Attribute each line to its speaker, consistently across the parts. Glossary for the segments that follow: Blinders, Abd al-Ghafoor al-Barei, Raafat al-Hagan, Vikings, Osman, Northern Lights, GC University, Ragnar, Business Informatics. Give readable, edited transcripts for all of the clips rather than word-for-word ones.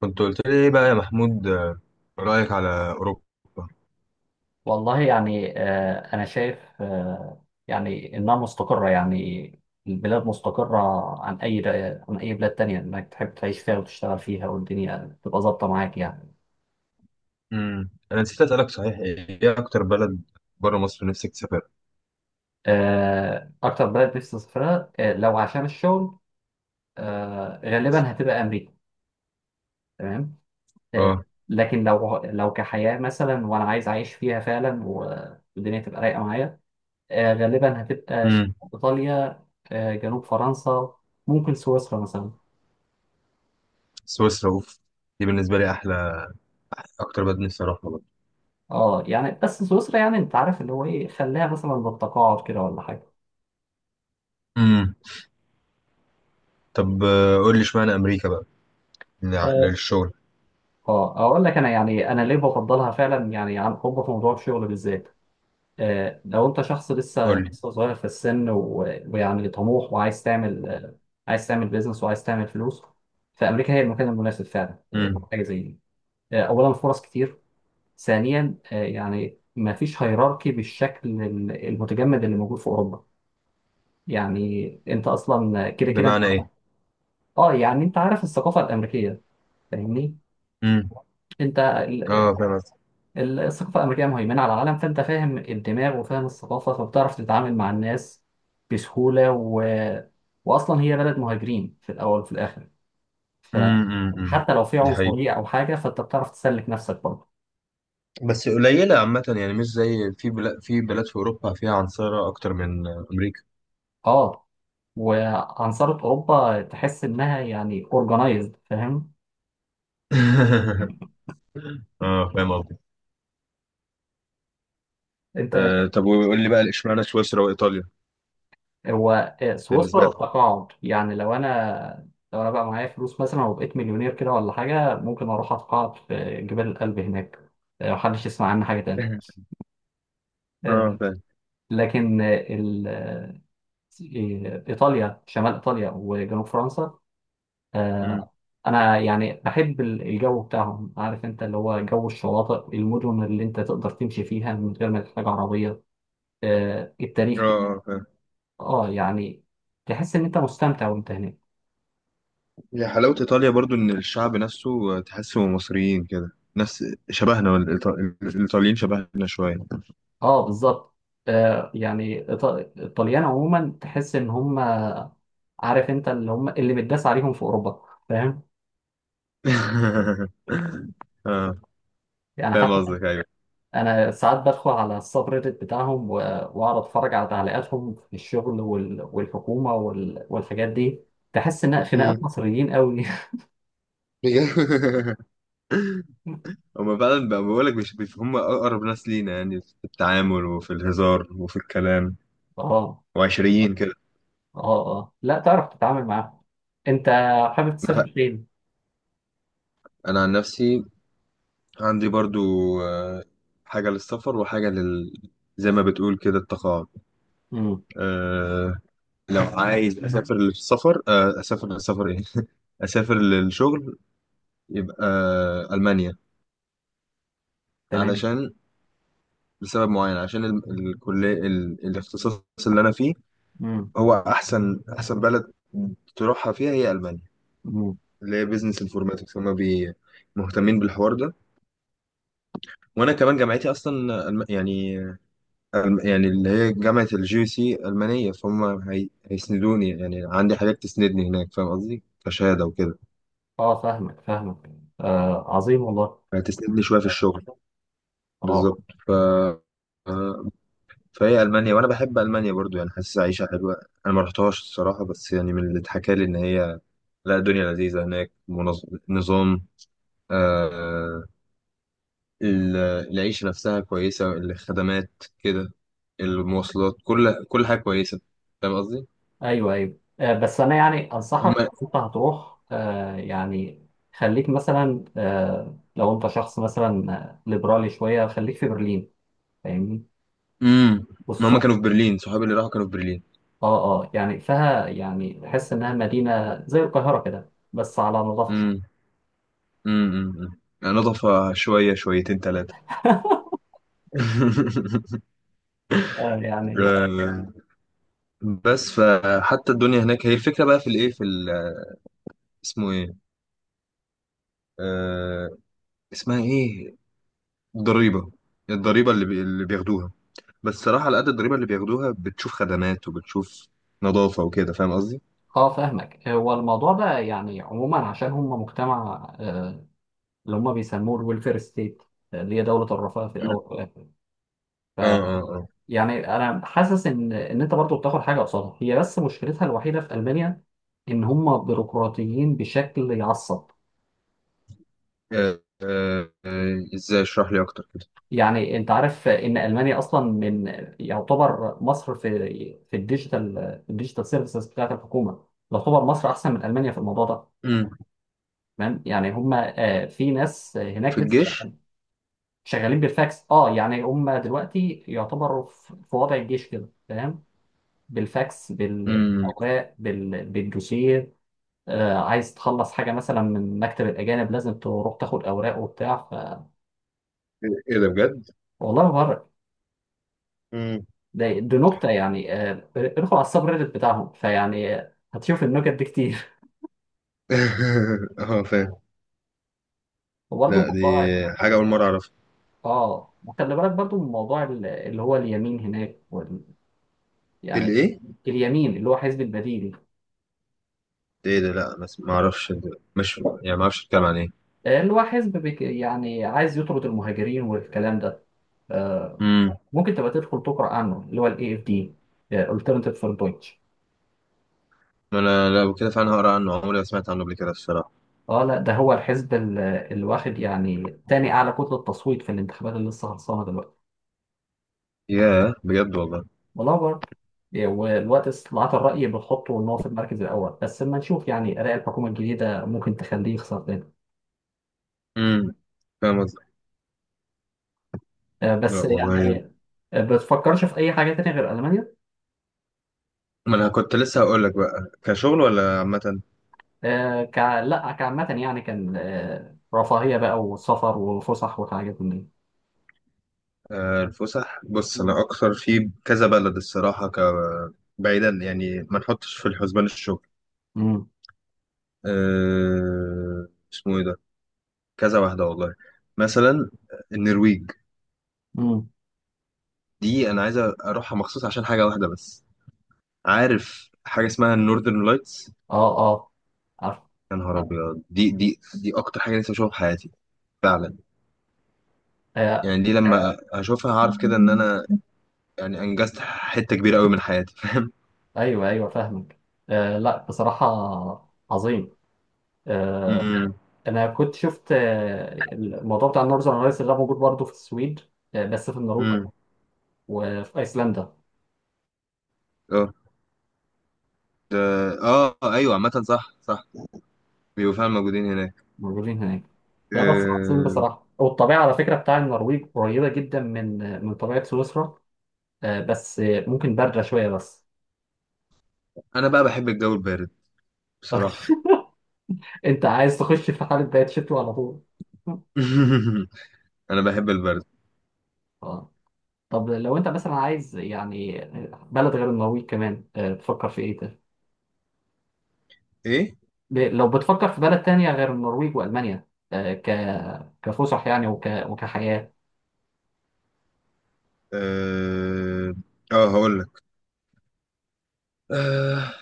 Speaker 1: كنت قلت لي ايه بقى يا محمود، رأيك على أوروبا؟
Speaker 2: والله يعني أنا شايف إنها مستقرة يعني. البلاد مستقرة عن أي عن أي بلاد تانية إنك تحب تعيش فيها وتشتغل فيها والدنيا تبقى ظابطة معاك يعني.
Speaker 1: انا نسيت أسألك صحيح، ايه اكتر بلد بره مصر نفسك تسافرها؟
Speaker 2: أكتر بلد نفسي أسافرها، لو عشان الشغل غالبا هتبقى أمريكا. تمام. آه،
Speaker 1: اه.
Speaker 2: لكن لو كحياة مثلا وأنا عايز أعيش فيها فعلا والدنيا تبقى رايقة معايا، غالبا هتبقى
Speaker 1: امم
Speaker 2: إيطاليا، جنوب فرنسا، ممكن سويسرا مثلا.
Speaker 1: سويسرا، اوف! دي بالنسبة لي احلى، اكتر بلد نفسي اروحها بقى.
Speaker 2: اه يعني بس سويسرا يعني انت عارف اللي هو ايه، خليها مثلا بالتقاعد كده ولا حاجه.
Speaker 1: امم طب، قول لي اشمعنى امريكا بقى.
Speaker 2: اه.
Speaker 1: للشغل.
Speaker 2: اه اقول لك، انا يعني انا ليه بفضلها فعلا يعني عن حب في موضوع الشغل بالذات. آه، لو انت شخص لسه
Speaker 1: قول لي.
Speaker 2: لسه صغير في السن ويعني طموح وعايز تعمل عايز تعمل بيزنس وعايز تعمل فلوس، فامريكا هي المكان المناسب فعلا،
Speaker 1: امم
Speaker 2: حاجه زي دي. آه، اولا فرص كتير، ثانيا آه يعني ما فيش هيراركي بالشكل المتجمد اللي موجود في اوروبا. يعني انت اصلا كده كده.
Speaker 1: بمعنى ايه؟
Speaker 2: اه يعني انت عارف الثقافه الامريكيه، فاهمني؟
Speaker 1: امم
Speaker 2: انت ال-
Speaker 1: اه، فاهم قصدي.
Speaker 2: الثقافه الامريكيه مهيمنه على العالم، فانت فاهم الدماغ وفاهم الثقافه، فبتعرف تتعامل مع الناس بسهوله واصلا هي بلد مهاجرين في الاول وفي الاخر،
Speaker 1: امم، امم، أمم.
Speaker 2: فحتى لو في
Speaker 1: دي
Speaker 2: عنصريه
Speaker 1: حقيقة.
Speaker 2: او حاجه فانت بتعرف تسلك نفسك برضه.
Speaker 1: بس قليلة عامة، يعني مش زي في بلاد في أوروبا فيها عنصرة أكتر من أمريكا.
Speaker 2: اه، وعنصرة اوروبا تحس انها يعني اورجنايزد، فاهم
Speaker 1: اه، فاهم قصدي.
Speaker 2: انت؟
Speaker 1: طب، وقول لي بقى اشمعنى سويسرا وايطاليا؟
Speaker 2: هو
Speaker 1: بالنسبه
Speaker 2: سويسرا
Speaker 1: لك.
Speaker 2: التقاعد يعني لو انا بقى معايا فلوس مثلا وبقيت مليونير كده ولا حاجه، ممكن اروح اتقاعد في جبال الألب هناك، لو محدش يسمع عنها حاجه تاني.
Speaker 1: اه،
Speaker 2: آه،
Speaker 1: فاهم.
Speaker 2: لكن ايطاليا، شمال ايطاليا وجنوب فرنسا،
Speaker 1: مم.
Speaker 2: آه، انا يعني بحب الجو بتاعهم، عارف انت اللي هو جو الشواطئ، المدن اللي انت تقدر تمشي فيها من غير ما تحتاج عربيه،
Speaker 1: اه،
Speaker 2: التاريخ بتاعهم.
Speaker 1: فاهم.
Speaker 2: اه يعني تحس ان انت مستمتع وانت هناك.
Speaker 1: هي حلاوه ايطاليا برضو ان الشعب نفسه تحسه مصريين كده، نفس شبهنا. الايطاليين شبهنا شويه.
Speaker 2: اه بالظبط. آه يعني إيط- الطليان عموما تحس ان هم، عارف انت، اللي هم اللي متداس عليهم في اوروبا، فاهم؟
Speaker 1: اه،
Speaker 2: يعني
Speaker 1: فاهم
Speaker 2: حتى
Speaker 1: قصدك، ايوه.
Speaker 2: انا ساعات بدخل على السب ريدت بتاعهم واقعد اتفرج على تعليقاتهم في الشغل والحكومه والحاجات دي، تحس ان
Speaker 1: مم.
Speaker 2: خناقات مصريين قوي.
Speaker 1: بجد. هما فعلا بقى، بقول لك، مش بيف- هم اقرب ناس لينا يعني في التعامل وفي الهزار وفي الكلام،
Speaker 2: اه
Speaker 1: وعشريين كده.
Speaker 2: اه اه، لا تعرف تتعامل معاهم. انت حابب
Speaker 1: انا
Speaker 2: تسافر فين؟
Speaker 1: أنا عن نفسي، عندي برضو آه، حاجة للسفر وحاجة زي ما بتقول كده، التقاعد.
Speaker 2: امم.
Speaker 1: أه لو عايز أسافر للسفر، أسافر للسفر إيه؟ أسافر للشغل، يبقى ألمانيا.
Speaker 2: تمام.
Speaker 1: علشان، لسبب معين عشان الكلية، الاختصاص اللي أنا فيه،
Speaker 2: امم.
Speaker 1: هو أحسن بلد تروحها فيها هي ألمانيا.
Speaker 2: امم.
Speaker 1: اللي هي بيزنس انفورماتكس، هما مهتمين بالحوار ده. وأنا كمان جامعتي أصلا يعني يعني اللي هي جامعة الجي سي ألمانية، فهم هيسندوني، يعني عندي حاجات تسندني هناك، فاهم قصدي، كشهادة وكده.
Speaker 2: اه فاهمك فاهمك. آه عظيم والله.
Speaker 1: هتسندني شوية في الشغل
Speaker 2: اه
Speaker 1: بالظبط آه، فهي ألمانيا، وأنا بحب ألمانيا برضو، يعني حاسس عيشة حلوة. أنا ما رحتهاش الصراحة، بس يعني من اللي اتحكى لي إن هي، لا، الدنيا لذيذة هناك، نظام، آه... العيشة نفسها كويسة، الخدمات كده، المواصلات، كل حاجة كويسة. فاهم قصدي؟
Speaker 2: ايوه ايوه، آه، بس انا يعني
Speaker 1: هم
Speaker 2: انصحك، انت هتروح خليك مثلا، لو انت شخص مثلا ليبرالي شويه خليك في برلين، فاهمني؟
Speaker 1: امم ما هم
Speaker 2: خصوصا.
Speaker 1: كانوا في برلين، صحابي اللي راحوا كانوا في برلين.
Speaker 2: اه اه، يعني فيها يعني تحس انها مدينه زي القاهره كده بس على نظافه شويه.
Speaker 1: امم، امم، أمم. يعني نضف شوية شويتين ثلاثة.
Speaker 2: آه، يعني.
Speaker 1: آه، بس فحتى الدنيا هناك، هي الفكرة بقى في الايه، في اسمه ايه، آه اسمها ايه، الضريبة. الضريبة اللي، اللي بياخدوها. بس صراحة، على قد الضريبة اللي بياخدوها، بتشوف خدمات وبتشوف نظافة وكده. فاهم قصدي؟
Speaker 2: اه فاهمك. هو الموضوع ده يعني عموما عشان هم مجتمع اللي هم بيسموه الويلفير ستيت، اللي هي دوله الرفاه في
Speaker 1: مم.
Speaker 2: الاول والاخر.
Speaker 1: اه، اه، اه.
Speaker 2: يعني انا حاسس ان انت برضو بتاخد حاجه قصادها هي، بس مشكلتها الوحيده في المانيا ان هم بيروقراطيين بشكل يعصب.
Speaker 1: ازاي اشرح لي اكتر كده؟
Speaker 2: يعني انت عارف ان المانيا اصلا من، يعتبر مصر في الديجيتال، في الديجيتال سيرفيسز بتاعت الحكومه، يعتبر مصر احسن من المانيا في الموضوع ده.
Speaker 1: مم.
Speaker 2: تمام، يعني هم آه، في ناس
Speaker 1: في
Speaker 2: هناك لسه
Speaker 1: الجيش.
Speaker 2: شغالين بالفاكس. اه يعني هم دلوقتي يعتبروا في وضع الجيش كده، فاهم؟ بالفاكس،
Speaker 1: مم.
Speaker 2: بالاوراق، بالدوسيه. آه، عايز تخلص حاجة مثلا من مكتب الأجانب لازم تروح تاخد أوراق وبتاع
Speaker 1: ايه ده بجد؟
Speaker 2: والله ما بره. ده دي نكتة، يعني آه، ادخل على السب ريدت بتاعهم فيعني آه، هتشوف النكت دي كتير.
Speaker 1: اه، فاهم.
Speaker 2: وبرضه
Speaker 1: لا، دي
Speaker 2: الموضوع.
Speaker 1: حاجة أول مرة أعرفها.
Speaker 2: اه، وخلي بالك برضه من موضوع اللي هو اليمين هناك يعني
Speaker 1: الإيه؟
Speaker 2: اليمين اللي هو حزب البديل،
Speaker 1: ده إيه ده؟ لا بس ما أعرفش ده. مش يعني ما أعرفش أتكلم عن إيه.
Speaker 2: اللي هو يعني عايز يطرد المهاجرين والكلام ده، آه،
Speaker 1: امم
Speaker 2: ممكن تبقى تدخل تقرأ عنه اللي هو ال AFD، آه، Alternative for Deutsch.
Speaker 1: ما أنا لو كده فعلا هقرأ عنه، عمري ما سمعت عنه قبل كده الصراحة.
Speaker 2: اه لا ده هو الحزب اللي واخد يعني تاني اعلى كتله تصويت في الانتخابات اللي لسه خلصانه دلوقتي.
Speaker 1: ياه، بجد والله.
Speaker 2: والله برضه. إيه، والوقت استطلاعات الرأي بتحطه إن هو في المركز الأول، بس لما نشوف يعني آراء الحكومة الجديدة ممكن تخليه يخسر تاني.
Speaker 1: امم فاهم قصدك.
Speaker 2: آه،
Speaker 1: لا
Speaker 2: بس
Speaker 1: والله.
Speaker 2: يعني آه، بتفكرش في أي حاجة تانية غير ألمانيا؟
Speaker 1: ما أنا كنت لسه هقول لك بقى، كشغل ولا عامة؟
Speaker 2: آه، لا كعامة يعني، كان رفاهية بقى وسفر وفسح وحاجات من دي.
Speaker 1: الفسح، بص، أنا أكتر في كذا بلد الصراحة، بعيدا يعني ما نحطش في الحسبان الشغل.
Speaker 2: امم.
Speaker 1: أه... اسمه إيه ده؟ كذا واحدة والله. مثلا، النرويج.
Speaker 2: امم.
Speaker 1: دي انا عايز اروحها مخصوص عشان حاجه واحده بس. عارف حاجه اسمها النوردرن لايتس؟
Speaker 2: اه اه عارف.
Speaker 1: يا نهار ابيض! دي اكتر حاجه نفسي اشوفها في حياتي فعلا.
Speaker 2: آه،
Speaker 1: يعني دي لما اشوفها هعرف كده ان انا يعني انجزت حته كبيره قوي من حياتي.
Speaker 2: ايوه ايوه فاهمك. آه، لا بصراحة عظيم. آه،
Speaker 1: امم،
Speaker 2: انا كنت شفت الموضوع بتاع النورذرن لايتس ده موجود برضه في السويد، آه، بس في النرويج
Speaker 1: امم،
Speaker 2: وفي ايسلندا.
Speaker 1: اه. ده- اه، ايوه، عامه، صح، صح، بيبقوا فعلا موجودين هناك.
Speaker 2: موجودين هناك. ده بس عظيم
Speaker 1: آه،
Speaker 2: بصراحه. والطبيعه على فكره بتاع النرويج قريبه جدا من من طبيعه سويسرا، آه، بس آه، ممكن بارده شويه بس.
Speaker 1: انا بقى بحب الجو البارد بصراحه.
Speaker 2: انت عايز تخش في حاله بقت شتوي على طول.
Speaker 1: انا بحب البرد.
Speaker 2: اه. طب لو انت مثلا عايز يعني بلد غير النرويج كمان، تفكر في ايه؟
Speaker 1: ايه،
Speaker 2: لو بتفكر في بلد تانية غير النرويج وألمانيا، آه، ك كفسح يعني وكحياة.
Speaker 1: اه، هقول لك. آه،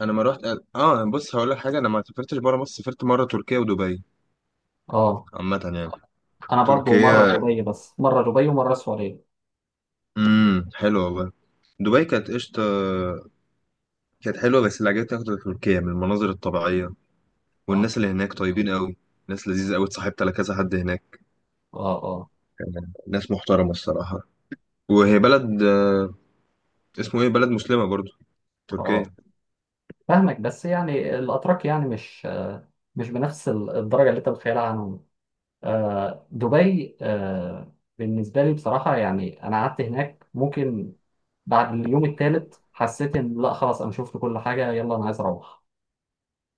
Speaker 1: انا ما رحت. اه، بص، هقول لك حاجه، انا ما سافرتش بره مصر. سافرت مره تركيا ودبي.
Speaker 2: اه.
Speaker 1: عامه يعني.
Speaker 2: أنا برضو مرة
Speaker 1: تركيا،
Speaker 2: دبي، بس مرة دبي ومرة السعودية.
Speaker 1: حلوه والله. دبي كانت قشطه، كانت حلوه، بس اللي عجبتني اكتر تركيا من المناظر الطبيعيه،
Speaker 2: اه
Speaker 1: والناس اللي هناك طيبين قوي. ناس لذيذه قوي، اتصاحبت على كذا حد هناك.
Speaker 2: اه اه.
Speaker 1: ناس محترمه الصراحه. وهي بلد، اسمه ايه، بلد مسلمه برضو،
Speaker 2: اه
Speaker 1: تركيا.
Speaker 2: فاهمك، بس يعني الأتراك يعني مش بنفس الدرجة اللي أنت متخيلها عنهم. آه، دبي، آه، بالنسبة لي بصراحة يعني أنا قعدت هناك، ممكن بعد اليوم الثالث حسيت إن لا خلاص أنا شفت كل حاجة، يلا أنا عايز أروح.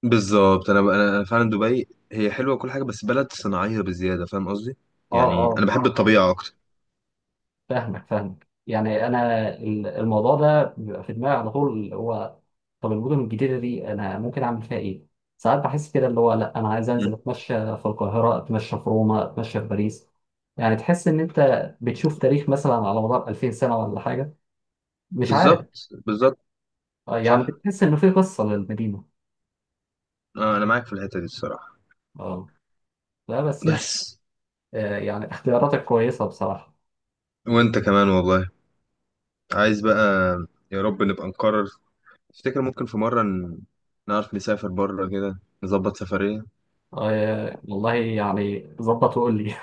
Speaker 1: بالظبط. انا فعلا، دبي هي حلوه وكل حاجه، بس بلد صناعيه بزياده، فاهم قصدي.
Speaker 2: اه.
Speaker 1: يعني انا
Speaker 2: آه.
Speaker 1: بحب الطبيعه اكتر.
Speaker 2: فاهمك فاهمك، يعني انا الموضوع ده بيبقى في دماغي على طول، اللي هو طب المدن الجديده دي انا ممكن اعمل فيها ايه؟ ساعات بحس كده اللي هو لا انا عايز
Speaker 1: مم.
Speaker 2: انزل اتمشى في القاهره، اتمشى في روما، اتمشى في باريس، يعني تحس ان انت بتشوف تاريخ مثلا على مدار 2000 سنه ولا حاجه، مش عارف،
Speaker 1: بالظبط، بالظبط.
Speaker 2: يعني
Speaker 1: صح.
Speaker 2: بتحس ان في قصه للمدينه.
Speaker 1: انا معاك في الحتة دي الصراحة.
Speaker 2: اه لا بس يعني
Speaker 1: بس.
Speaker 2: آه، يعني اختياراتك كويسه بصراحه.
Speaker 1: وانت كمان والله. عايز بقى، يا رب نبقى نقرر. افتكر، ممكن في مرة نعرف نسافر بره كده، نظبط سفرية.
Speaker 2: آه، والله يعني ظبط وقول لي.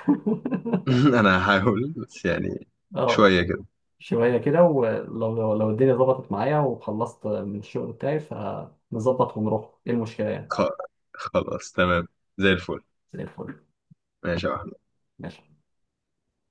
Speaker 1: انا هحاول، بس يعني
Speaker 2: اه
Speaker 1: شوية كده.
Speaker 2: شوية كده. ولو لو الدنيا ظبطت معايا وخلصت من الشغل بتاعي فنظبط ونروح، ايه المشكلة يعني؟
Speaker 1: خ- خلاص، تمام. زي الفل.
Speaker 2: زي الفل.
Speaker 1: ماشي يا أحمد.
Speaker 2: ماشي.